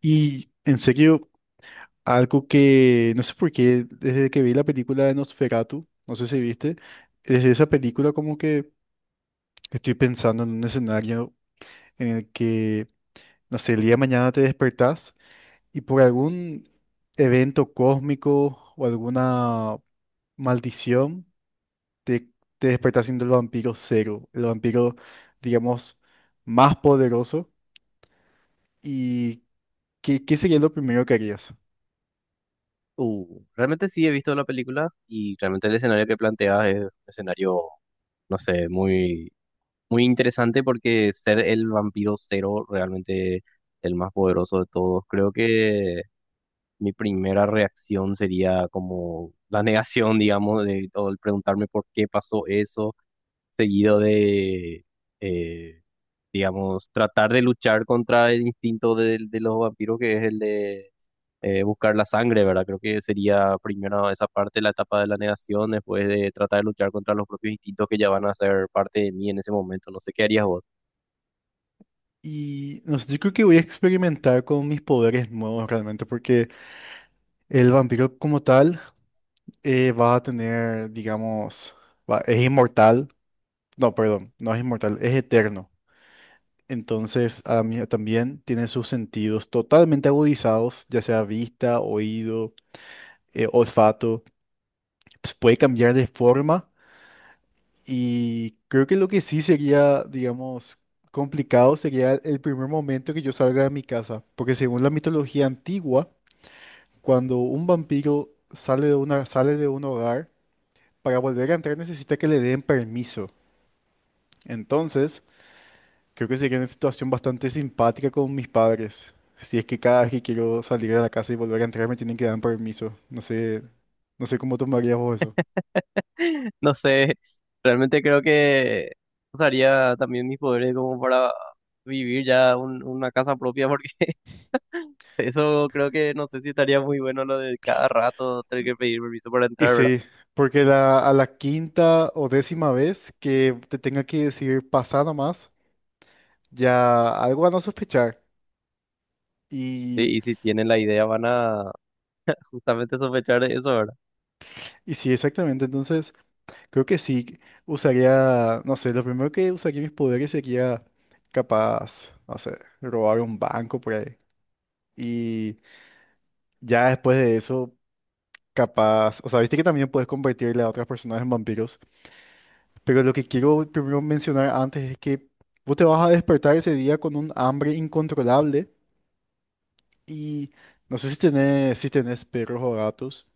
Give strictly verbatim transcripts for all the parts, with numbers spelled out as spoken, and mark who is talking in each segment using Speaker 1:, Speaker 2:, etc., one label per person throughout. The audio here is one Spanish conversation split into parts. Speaker 1: Y en serio, algo que no sé por qué, desde que vi la película de Nosferatu, no sé si viste, desde esa película como que estoy pensando en un escenario en el que, no sé, el día de mañana te despertás y por algún evento cósmico o alguna maldición te, te despertás siendo el vampiro cero, el vampiro, digamos, más poderoso. ¿Y qué, qué sería lo primero que harías?
Speaker 2: Uh, realmente sí he visto la película y realmente el escenario que planteas es un escenario, no sé, muy, muy interesante porque ser el vampiro cero realmente el más poderoso de todos. Creo que mi primera reacción sería como la negación, digamos, de, o el preguntarme por qué pasó eso, seguido de, eh, digamos, tratar de luchar contra el instinto de, de los vampiros que es el de eh, buscar la sangre, ¿verdad? Creo que sería primero esa parte, la etapa de la negación, después de tratar de luchar contra los propios instintos que ya van a ser parte de mí en ese momento. No sé qué harías vos.
Speaker 1: Y no sé, yo creo que voy a experimentar con mis poderes nuevos realmente, porque el vampiro como tal eh, va a tener, digamos, va- es inmortal. No, perdón, no es inmortal, es eterno. Entonces, a mí también tiene sus sentidos totalmente agudizados, ya sea vista, oído, eh, olfato. Pues puede cambiar de forma y creo que lo que sí sería, digamos, complicado sería el primer momento que yo salga de mi casa, porque según la mitología antigua, cuando un vampiro sale de una, sale de un hogar, para volver a entrar necesita que le den permiso. Entonces, creo que sería una situación bastante simpática con mis padres, si es que cada vez que quiero salir de la casa y volver a entrar me tienen que dar permiso. No sé, no sé cómo tomarías vos eso.
Speaker 2: No sé, realmente creo que usaría también mis poderes como para vivir ya un- una casa propia, porque eso creo que no sé si estaría muy bueno lo de cada rato tener que pedir permiso para
Speaker 1: Y
Speaker 2: entrar, ¿verdad?
Speaker 1: sí, porque la- a la quinta o décima vez que te tenga que decir pasa nomás, ya algo van a sospechar.
Speaker 2: Sí,
Speaker 1: Y,
Speaker 2: y si tienen la idea van a justamente sospechar de eso, ¿verdad?
Speaker 1: y sí, exactamente. Entonces, creo que sí, usaría, no sé, lo primero que usaría mis poderes sería capaz, no sé, robar un banco por ahí. Y ya después de eso, capaz, o sea, viste que también puedes convertirle a otras personas en vampiros, pero lo que quiero primero mencionar antes es que vos te vas a despertar ese día con un hambre incontrolable y no sé si tenés, si tenés perros o gatos,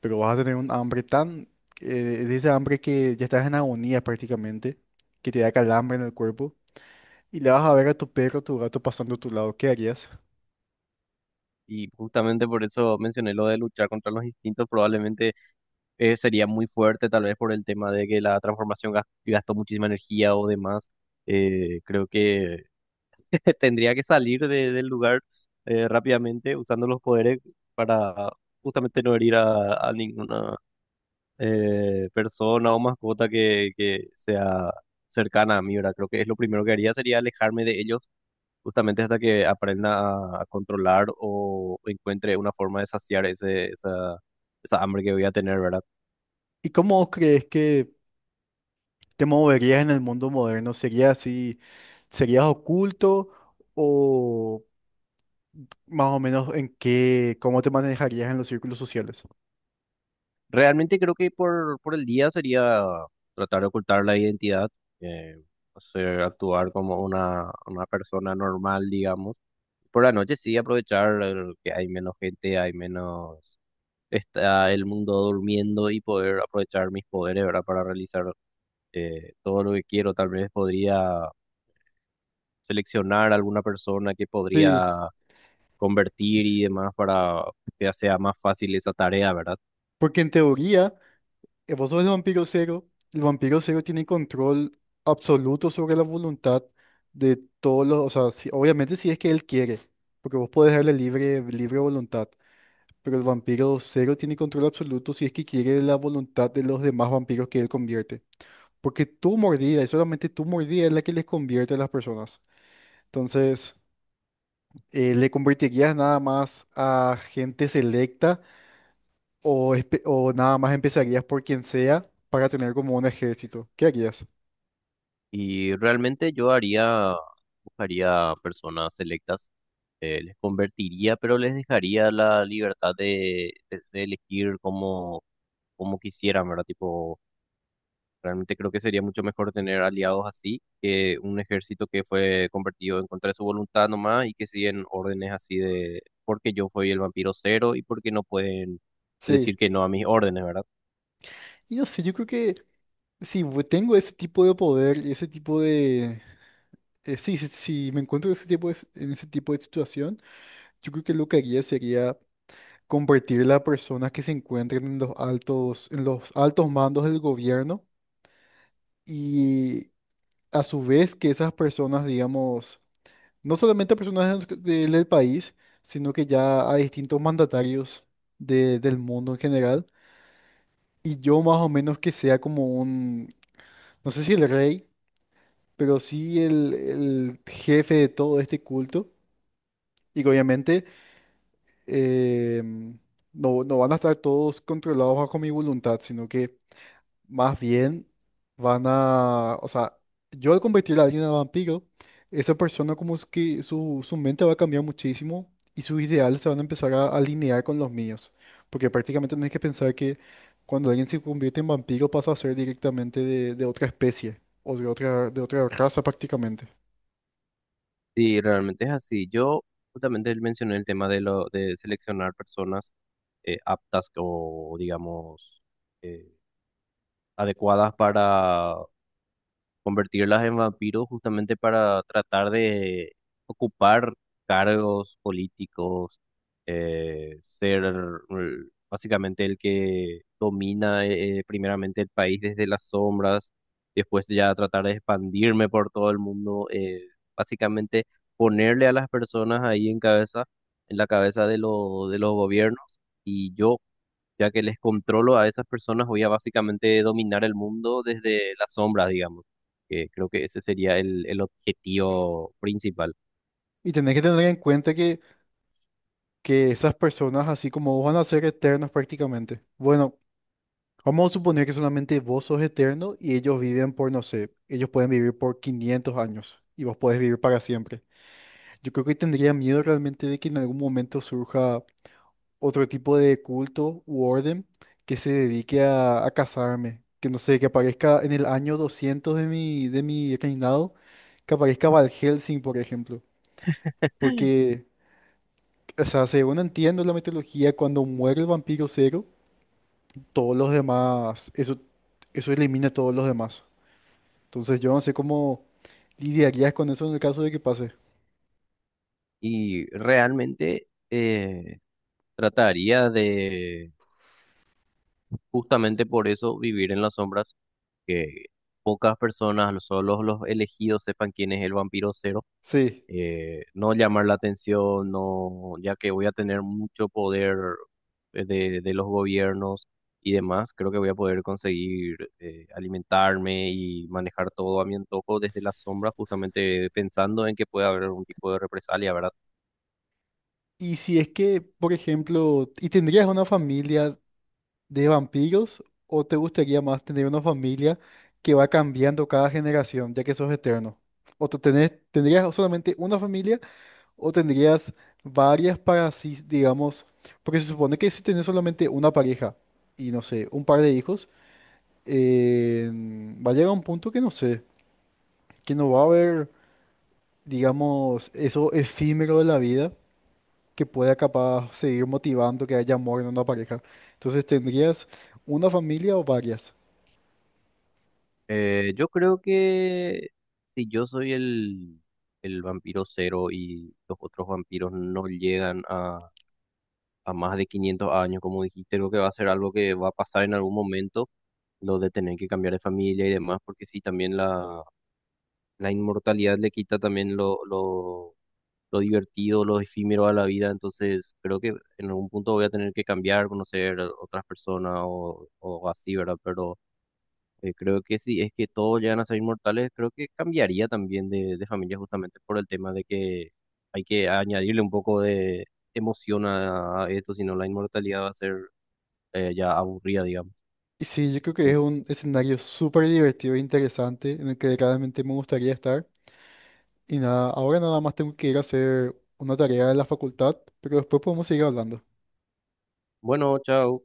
Speaker 1: pero vas a tener un hambre tan, eh, de ese hambre que ya estás en agonía prácticamente, que te da calambre en el cuerpo. Y le vas a ver a tu perro o tu gato pasando a tu lado, ¿qué harías?
Speaker 2: Y justamente por eso mencioné lo de luchar contra los instintos, probablemente eh, sería muy fuerte, tal vez por el tema de que la transformación gas- gastó muchísima energía o demás. Eh, creo que tendría que salir de- del lugar eh, rápidamente usando los poderes para justamente no herir a, a ninguna eh, persona o mascota que, que sea cercana a mí, ¿verdad? Creo que es lo primero que haría sería alejarme de ellos justamente hasta que aprenda a, a controlar o encuentre una forma de saciar ese, esa, esa hambre que voy a tener, ¿verdad?
Speaker 1: ¿Y cómo crees que te moverías en el mundo moderno? ¿Sería así, serías oculto o más o menos en qué, cómo te manejarías en los círculos sociales?
Speaker 2: Realmente creo que por, por el día sería tratar de ocultar la identidad, eh, hacer actuar como una, una persona normal, digamos. Por la noche sí aprovechar el que hay menos gente, hay menos, está el mundo durmiendo y poder aprovechar mis poderes, ¿verdad? Para realizar eh, todo lo que quiero. Tal vez podría seleccionar alguna persona que
Speaker 1: Sí,
Speaker 2: podría convertir y demás para que sea más fácil esa tarea, ¿verdad?
Speaker 1: porque en teoría, eh, vos sos el vampiro cero, el vampiro cero tiene control absoluto sobre la voluntad de todos los, o sea, si- obviamente si es que él quiere, porque vos podés darle libre, libre voluntad. Pero el vampiro cero tiene control absoluto si es que quiere la voluntad de los demás vampiros que él convierte. Porque tu mordida, y solamente tu mordida es la que les convierte a las personas. Entonces, eh, ¿le convertirías nada más a gente selecta o, espe- o nada más empezarías por quien sea para tener como un ejército? ¿Qué harías?
Speaker 2: Y realmente yo haría, buscaría personas selectas, eh, les convertiría, pero les dejaría la libertad de, de- de elegir como, como quisieran, ¿verdad? Tipo, realmente creo que sería mucho mejor tener aliados así que un ejército que fue convertido en contra de su voluntad nomás y que siguen órdenes así de, porque yo fui el vampiro cero y porque no pueden
Speaker 1: Sí.
Speaker 2: decir que no a mis órdenes, ¿verdad?
Speaker 1: Y no sé, yo creo que si vo- tengo ese tipo de poder y ese tipo de… eh, sí, si, si me encuentro ese tipo de s- en ese tipo de situación, yo creo que lo que haría sería convertir a personas que se encuentren en los altos, en los altos mandos del gobierno y a su vez que esas personas, digamos, no solamente personas del, del- del país, sino que ya a distintos mandatarios de- del mundo en general. Y yo más o menos que sea como un, no sé si el rey, pero sí el, el jefe de todo este culto. Y que obviamente em, no, no van a estar todos controlados bajo mi voluntad, sino que más bien van a, o sea, yo al convertir a alguien en vampiro, esa persona como es que su, su mente va a cambiar muchísimo y sus ideales se van a empezar a alinear con los míos. Porque prácticamente tenés que pensar que cuando alguien se convierte en vampiro pasa a ser directamente de, de otra especie o de otra, de otra raza prácticamente.
Speaker 2: Sí, realmente es así. Yo justamente mencioné el tema de lo de seleccionar personas eh, aptas o digamos eh, adecuadas para convertirlas en vampiros justamente para tratar de ocupar cargos políticos, eh, ser mm, básicamente el que domina eh, primeramente el país desde las sombras, después ya tratar de expandirme por todo el mundo, eh, básicamente ponerle a las personas ahí en cabeza, en la cabeza de los de los gobiernos. Y yo ya que les controlo a esas personas, voy a básicamente dominar el mundo desde la sombra, digamos. Que creo que ese sería el, el objetivo principal.
Speaker 1: Y tenés que tener en cuenta que, que esas personas, así como vos, van a ser eternos prácticamente. Bueno, vamos a suponer que solamente vos sos eterno y ellos viven por, no sé, ellos pueden vivir por quinientos años y vos podés vivir para siempre. Yo creo que tendría miedo realmente de que en algún momento surja otro tipo de culto u orden que se dedique a, a casarme. Que no sé, que aparezca en el año doscientos de mi, de mi reinado, que aparezca Van Helsing, por ejemplo. Porque, o sea, según entiendo la mitología, cuando muere el vampiro cero, todos los demás, eso, eso elimina a todos los demás. Entonces yo no sé cómo lidiarías con eso en el caso de que pase.
Speaker 2: Y realmente eh, trataría de, justamente por eso, vivir en las sombras, que pocas personas, los- solo los elegidos sepan quién es el vampiro cero
Speaker 1: Sí.
Speaker 2: eh, no llamar la atención, no, ya que voy a tener mucho poder eh, de, de los gobiernos y demás, creo que voy a poder conseguir eh, alimentarme y manejar todo a mi antojo desde la sombra, justamente pensando en que puede haber algún tipo de represalia, ¿verdad?
Speaker 1: Y si es que, por ejemplo, ¿y tendrías una familia de vampiros o te gustaría más tener una familia que va cambiando cada generación, ya que sos eterno? ¿O te tenés- tendrías solamente una familia o tendrías varias para así, digamos, porque se supone que si tenés solamente una pareja y no sé, un par de hijos, eh, va a llegar un punto que no sé, que no va a haber… digamos, eso efímero de la vida que pueda capaz seguir motivando que haya amor en una pareja? Entonces, ¿tendrías una familia o varias?
Speaker 2: Eh, yo creo que si yo soy el, el vampiro cero y los otros vampiros no llegan a a más de quinientos años, como dijiste, creo que va a ser algo que va a pasar en algún momento, lo de tener que cambiar de familia y demás, porque sí, también la, la inmortalidad le quita también lo, lo, lo divertido, lo efímero a la vida, entonces creo que en algún punto voy a tener que cambiar, conocer a otras personas o, o así, ¿verdad? Pero eh, creo que si es que todos llegan a ser inmortales, creo que cambiaría también de, de familia justamente por el tema de que hay que añadirle un poco de emoción a a esto, sino la inmortalidad va a ser eh, ya aburrida, digamos.
Speaker 1: Y sí, yo creo que es
Speaker 2: En-
Speaker 1: un escenario súper divertido e interesante en el que claramente me gustaría estar. Y nada, ahora nada más tengo que ir a hacer una tarea de la facultad, pero después podemos seguir hablando.
Speaker 2: Bueno, chao.